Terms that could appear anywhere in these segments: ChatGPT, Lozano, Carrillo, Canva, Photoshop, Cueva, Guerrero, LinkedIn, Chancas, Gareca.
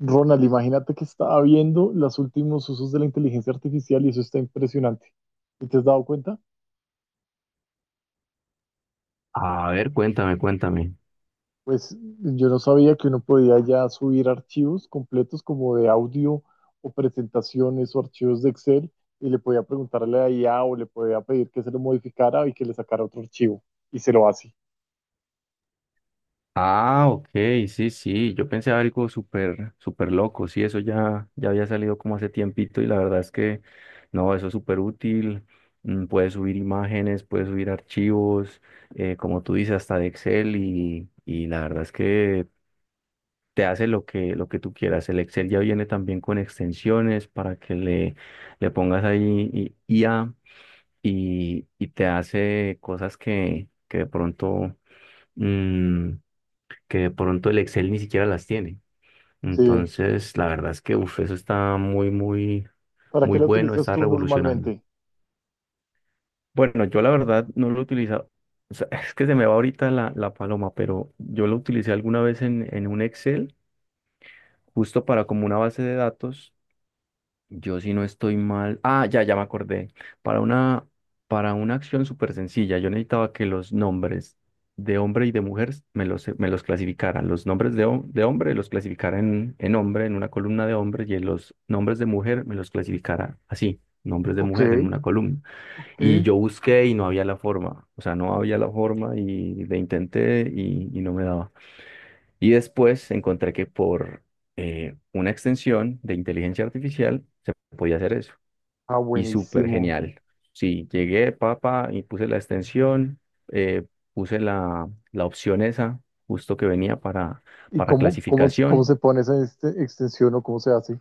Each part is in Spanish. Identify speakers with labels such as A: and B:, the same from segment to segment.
A: Ronald, imagínate que estaba viendo los últimos usos de la inteligencia artificial y eso está impresionante. ¿Y te has dado cuenta?
B: A ver, cuéntame, cuéntame.
A: Pues yo no sabía que uno podía ya subir archivos completos como de audio o presentaciones o archivos de Excel y le podía preguntarle a IA o le podía pedir que se lo modificara y que le sacara otro archivo y se lo hace.
B: Ah, ok, sí, sí, yo pensé algo súper, súper loco, sí, eso ya, ya había salido como hace tiempito y la verdad es que no, eso es súper útil, mm, puedes subir imágenes, puedes subir archivos, como tú dices, hasta de Excel y la verdad es que te hace lo que tú quieras. El Excel ya viene también con extensiones para que le pongas ahí IA y te hace que de pronto mm, que de pronto el Excel ni siquiera las tiene.
A: Sí.
B: Entonces, la verdad es que uf, eso está muy, muy,
A: ¿Para
B: muy
A: qué lo
B: bueno,
A: utilizas
B: está
A: tú
B: revolucionando.
A: normalmente?
B: Bueno, yo la verdad no lo he utilizado. O sea, es que se me va ahorita la paloma, pero yo lo utilicé alguna vez en un Excel, justo para como una base de datos. Yo si no estoy mal. Ah, ya me acordé. Para una, para una acción súper sencilla, yo necesitaba que los nombres de hombre y de mujer me los clasificaran. Los nombres de, de hombre los clasificara en hombre, en una columna de hombre, y en los nombres de mujer me los clasificara así, nombres de
A: Ok,
B: mujer en una columna.
A: ok.
B: Y yo busqué y no había la forma. O sea, no había la forma y le intenté y no me daba. Y después encontré que por una extensión de inteligencia artificial se podía hacer eso.
A: Ah,
B: Y súper
A: buenísimo.
B: genial. Sí, llegué, papá, y puse la extensión, eh, puse la opción esa, justo que venía
A: ¿Y
B: para
A: cómo
B: clasificación.
A: se pone esa extensión o cómo se hace?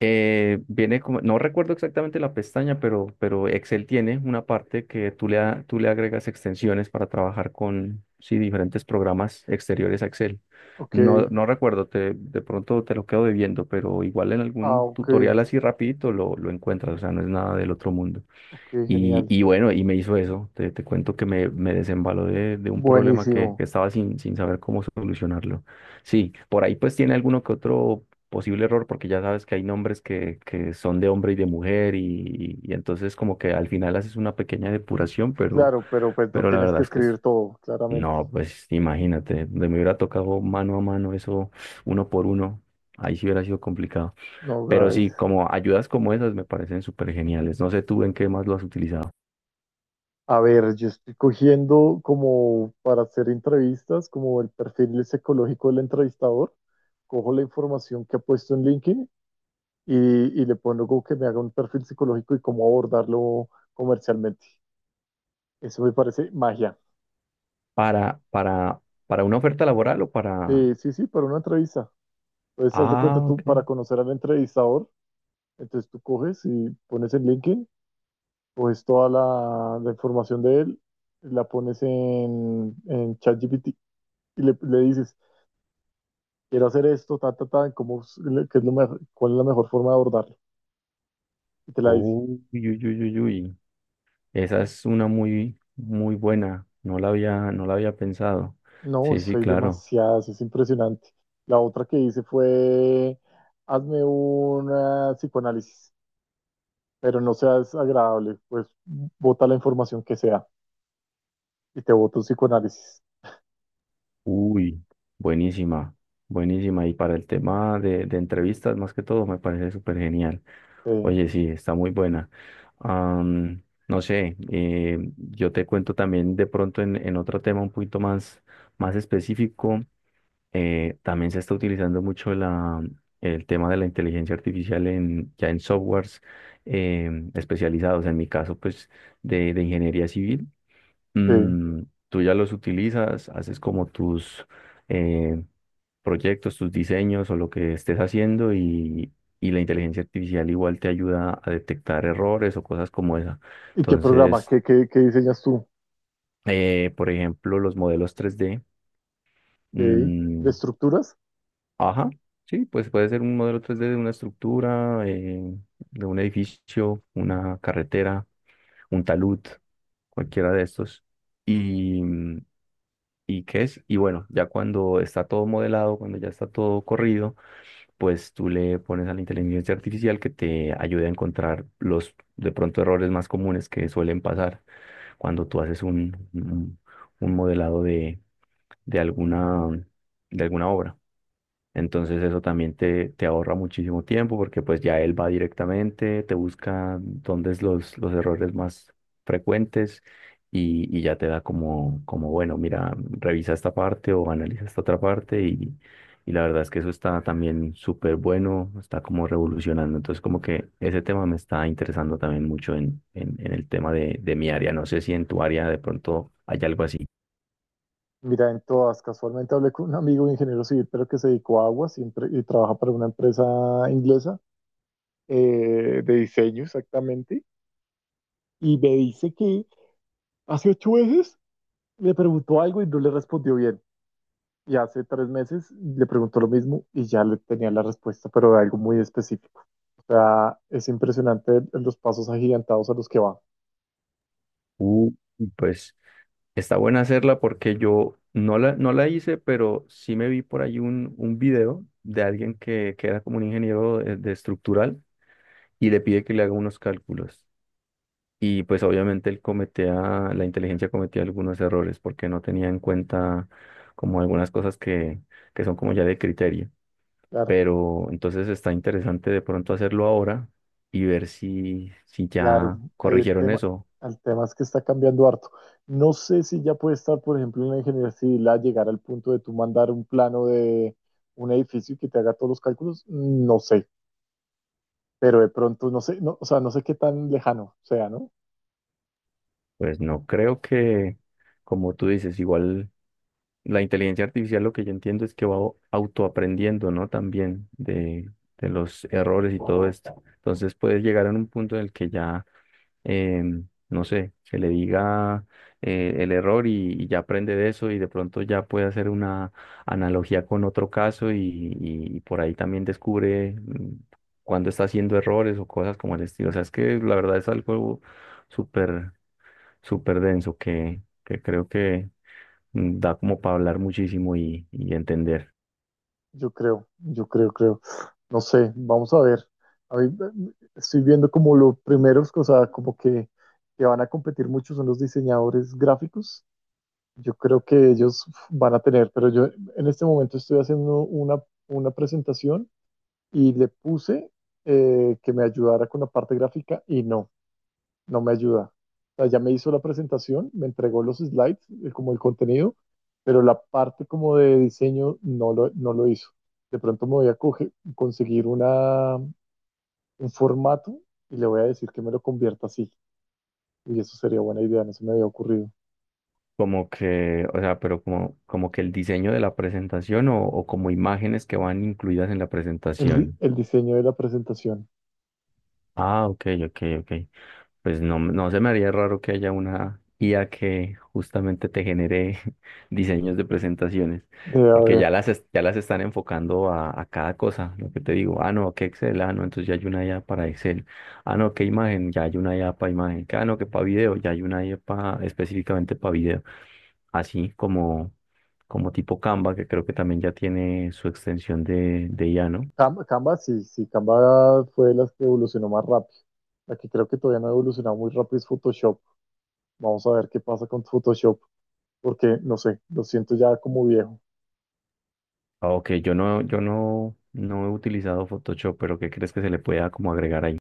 B: Viene como, no recuerdo exactamente la pestaña, pero Excel tiene una parte que tú tú le agregas extensiones para trabajar con, sí, diferentes programas exteriores a Excel.
A: Ok.
B: No recuerdo, de pronto te lo quedo debiendo, pero igual en
A: Ah,
B: algún
A: ok,
B: tutorial así rapidito lo encuentras, o sea, no es nada del otro mundo.
A: ok,
B: Y,
A: genial.
B: y bueno, y me hizo eso. Te cuento me desembaló de un problema que
A: Buenísimo.
B: estaba sin saber cómo solucionarlo. Sí, por ahí pues tiene alguno que otro posible error, porque ya sabes que hay que son de hombre y de mujer, y entonces como que al final haces una pequeña depuración, pero,
A: Claro, pero pues no
B: pero la
A: tienes
B: verdad
A: que
B: es que
A: escribir todo, claramente.
B: no, pues imagínate, de me hubiera tocado mano a mano eso, uno por uno, ahí sí hubiera sido complicado.
A: No
B: Pero
A: grabes.
B: sí, como ayudas como esas me parecen súper geniales. No sé tú en qué más lo has utilizado.
A: A ver, yo estoy cogiendo como para hacer entrevistas, como el perfil psicológico del entrevistador. Cojo la información que ha puesto en LinkedIn y, y le pongo como que me haga un perfil psicológico y cómo abordarlo comercialmente. Eso me parece magia.
B: Para, para, para una oferta laboral o para...
A: Sí, sí, para una entrevista. Entonces, haz de cuenta
B: Ah,
A: tú,
B: ok.
A: para conocer al entrevistador, entonces tú coges y pones en LinkedIn, coges toda la información de él, la pones en ChatGPT y le dices, quiero hacer esto, ta, ta, ta, ¿cómo, es- le- qué es lo mejor- cuál es la mejor forma de abordarlo? Y te la dice.
B: Uy, uy, uy, uy, uy. Esa es una muy, muy buena. No la había pensado.
A: No,
B: Sí,
A: eso
B: sí,
A: soy
B: claro.
A: demasiadas, es impresionante. La otra que hice fue, hazme un psicoanálisis, pero no seas agradable, pues bota la información que sea y te boto un psicoanálisis.
B: Uy, buenísima, buenísima. Y para el tema de entrevistas, más que todo, me parece súper genial.
A: Sí,
B: Oye, sí, está muy buena. Am, no sé, yo te cuento también de pronto en otro tema un poquito más, más específico. También se está utilizando mucho el tema de la inteligencia artificial en, ya en softwares especializados. En mi caso, pues, de ingeniería civil,
A: sí.
B: mm, tú ya los utilizas, haces como tus eh, proyectos, tus diseños o lo que estés haciendo y la inteligencia artificial igual te ayuda a detectar errores o cosas como esa.
A: ¿Y qué programa?
B: Entonces,
A: ¿Qué diseñas tú?
B: por ejemplo, los modelos tres d
A: ¿Qué, ¿De
B: mm,
A: estructuras?
B: Ajá, sí, pues puede ser un modelo 3D de una estructura, de un edificio, una carretera, un talud, cualquiera de estos. Y, ¿y qué es? Y bueno, ya cuando está todo modelado, cuando ya está todo corrido, pues tú le pones a la inteligencia artificial que te ayude a encontrar los de pronto errores más comunes que suelen pasar cuando tú haces un modelado de alguna, de alguna obra. Entonces eso también te ahorra muchísimo tiempo porque pues ya él va directamente, te busca dónde es los errores más frecuentes y ya te da como, como, bueno, mira, revisa esta parte o analiza esta otra parte y la verdad es que eso está también súper bueno, está como revolucionando. Entonces como que ese tema me está interesando también mucho en el tema de mi área. No sé si en tu área de pronto hay algo así.
A: Mira, en todas, casualmente hablé con un amigo ingeniero civil, pero que se dedicó a aguas y trabaja para una empresa inglesa, de diseño exactamente, y me dice que hace 8 meses le preguntó algo y no le respondió bien, y hace 3 meses le preguntó lo mismo y ya le tenía la respuesta, pero de algo muy específico. O sea, es impresionante los pasos agigantados a los que va.
B: Uh, pues... Está buena hacerla porque yo no la hice, pero sí me vi por ahí un video de alguien que era como un ingeniero de estructural y le pide que le haga unos cálculos. Y pues obviamente él cometía, la inteligencia cometía algunos errores porque no tenía en cuenta como algunas cosas que son como ya de criterio.
A: Claro.
B: Pero entonces está interesante de pronto hacerlo ahora y ver si, si
A: Claro,
B: ya
A: ahí
B: corrigieron eso.
A: el tema es que está cambiando harto. No sé si ya puede estar, por ejemplo, en la ingeniería civil a llegar al punto de tú mandar un plano de un edificio y que te haga todos los cálculos. No sé, pero de pronto no sé, no, o sea, no sé qué tan lejano sea, ¿no?
B: Pues no creo que, Como tú dices, igual... La inteligencia artificial lo que yo entiendo es que va autoaprendiendo, ¿no? También de los errores y todo esto. Entonces puedes llegar a un punto en el que ya, no sé, se le diga el error y ya aprende de eso y de pronto ya puede hacer una analogía con otro caso y por ahí también descubre cuando está haciendo errores o cosas como el estilo. O sea, es que la verdad es algo súper, súper denso que creo que da como para hablar muchísimo y entender.
A: Yo creo. No sé, vamos a ver. A mí, estoy viendo como los primeros, o sea, como que van a competir mucho son los diseñadores gráficos. Yo creo que ellos van a tener, pero yo en este momento estoy haciendo una presentación y le puse que me ayudara con la parte gráfica y no, no me ayuda. O sea, ya me hizo la presentación, me entregó los slides, como el contenido, pero la parte como de diseño no lo, no lo hizo. De pronto me voy a conseguir una, un formato y le voy a decir que me lo convierta así. Y eso sería buena idea, no se me había ocurrido.
B: Como que, o sea, pero como, como que el diseño de la presentación o como imágenes que van incluidas en la
A: El, di-
B: presentación.
A: el diseño de la presentación.
B: Ah, ok, ok, ok. Pues no, no se me haría raro que haya una IA que justamente te genere diseños de presentaciones,
A: Debe
B: porque ya
A: haber.
B: ya las están enfocando a cada cosa, lo que te digo, ah, no, que Excel, ah, no, entonces ya hay una IA para Excel, ah, no, que imagen, ya hay una IA para imagen, que, ah, no, que para video, ya hay una IA específicamente para video, así como, como tipo Canva, que creo que también ya tiene su extensión de IA, ¿no?
A: Canva, sí, sí, Canva fue la que evolucionó más rápido. La que creo que todavía no ha evolucionado muy rápido es Photoshop. Vamos a ver qué pasa con Photoshop, porque no sé, lo siento ya como viejo.
B: Ah, ok, yo no, yo no, no he utilizado Photoshop, pero ¿qué crees que se le pueda como agregar ahí?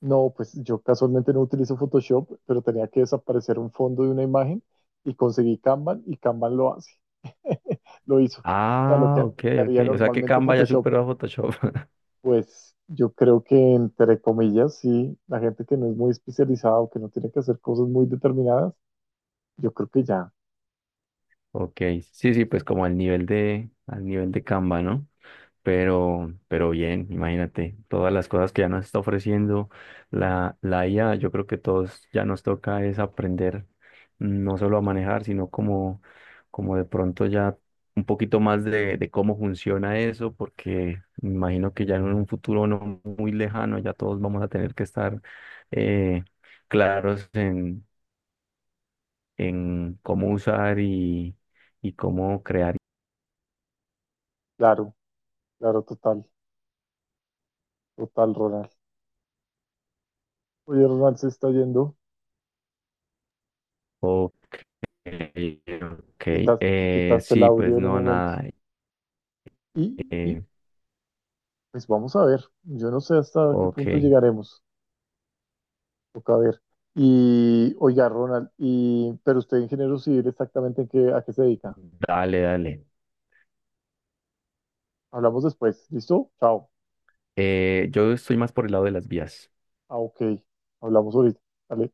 A: No, pues yo casualmente no utilizo Photoshop, pero tenía que desaparecer un fondo de una imagen y conseguí Canva y Canva lo hace. Lo hizo. O sea, lo
B: Ah,
A: que
B: ok, ok.
A: haría
B: O sea que
A: normalmente
B: Canva ya
A: Photoshop,
B: superó a Photoshop.
A: pues yo creo que entre comillas, sí, la gente que no es muy especializada o que no tiene que hacer cosas muy determinadas, yo creo que ya.
B: Ok, sí, sí, pues como al nivel de Canva, ¿no? Pero bien, imagínate, todas las cosas que ya nos está ofreciendo la IA, yo creo que todos ya nos toca es aprender no solo a manejar, sino como, como de pronto ya un poquito más de cómo funciona eso, porque me imagino que ya en un futuro no muy lejano ya todos vamos a tener que estar eh, claros en cómo usar y cómo crear.
A: Claro, claro, total, total, Ronald. Oye, Ronald se está yendo,
B: Ok, ok.
A: quitas- quitaste el
B: Sí, pues
A: audio en un
B: no,
A: momento.
B: nada.
A: Y, y,
B: eh,
A: pues vamos a ver, yo no sé hasta qué
B: ok,
A: punto llegaremos, toca ver. Y oiga, Ronald, y, pero usted ingeniero civil exactamente en qué, a qué se dedica.
B: dale, dale.
A: Hablamos después, ¿listo? Chao.
B: Yo estoy más por el lado de las vías.
A: Ah, ok, hablamos ahorita. Vale.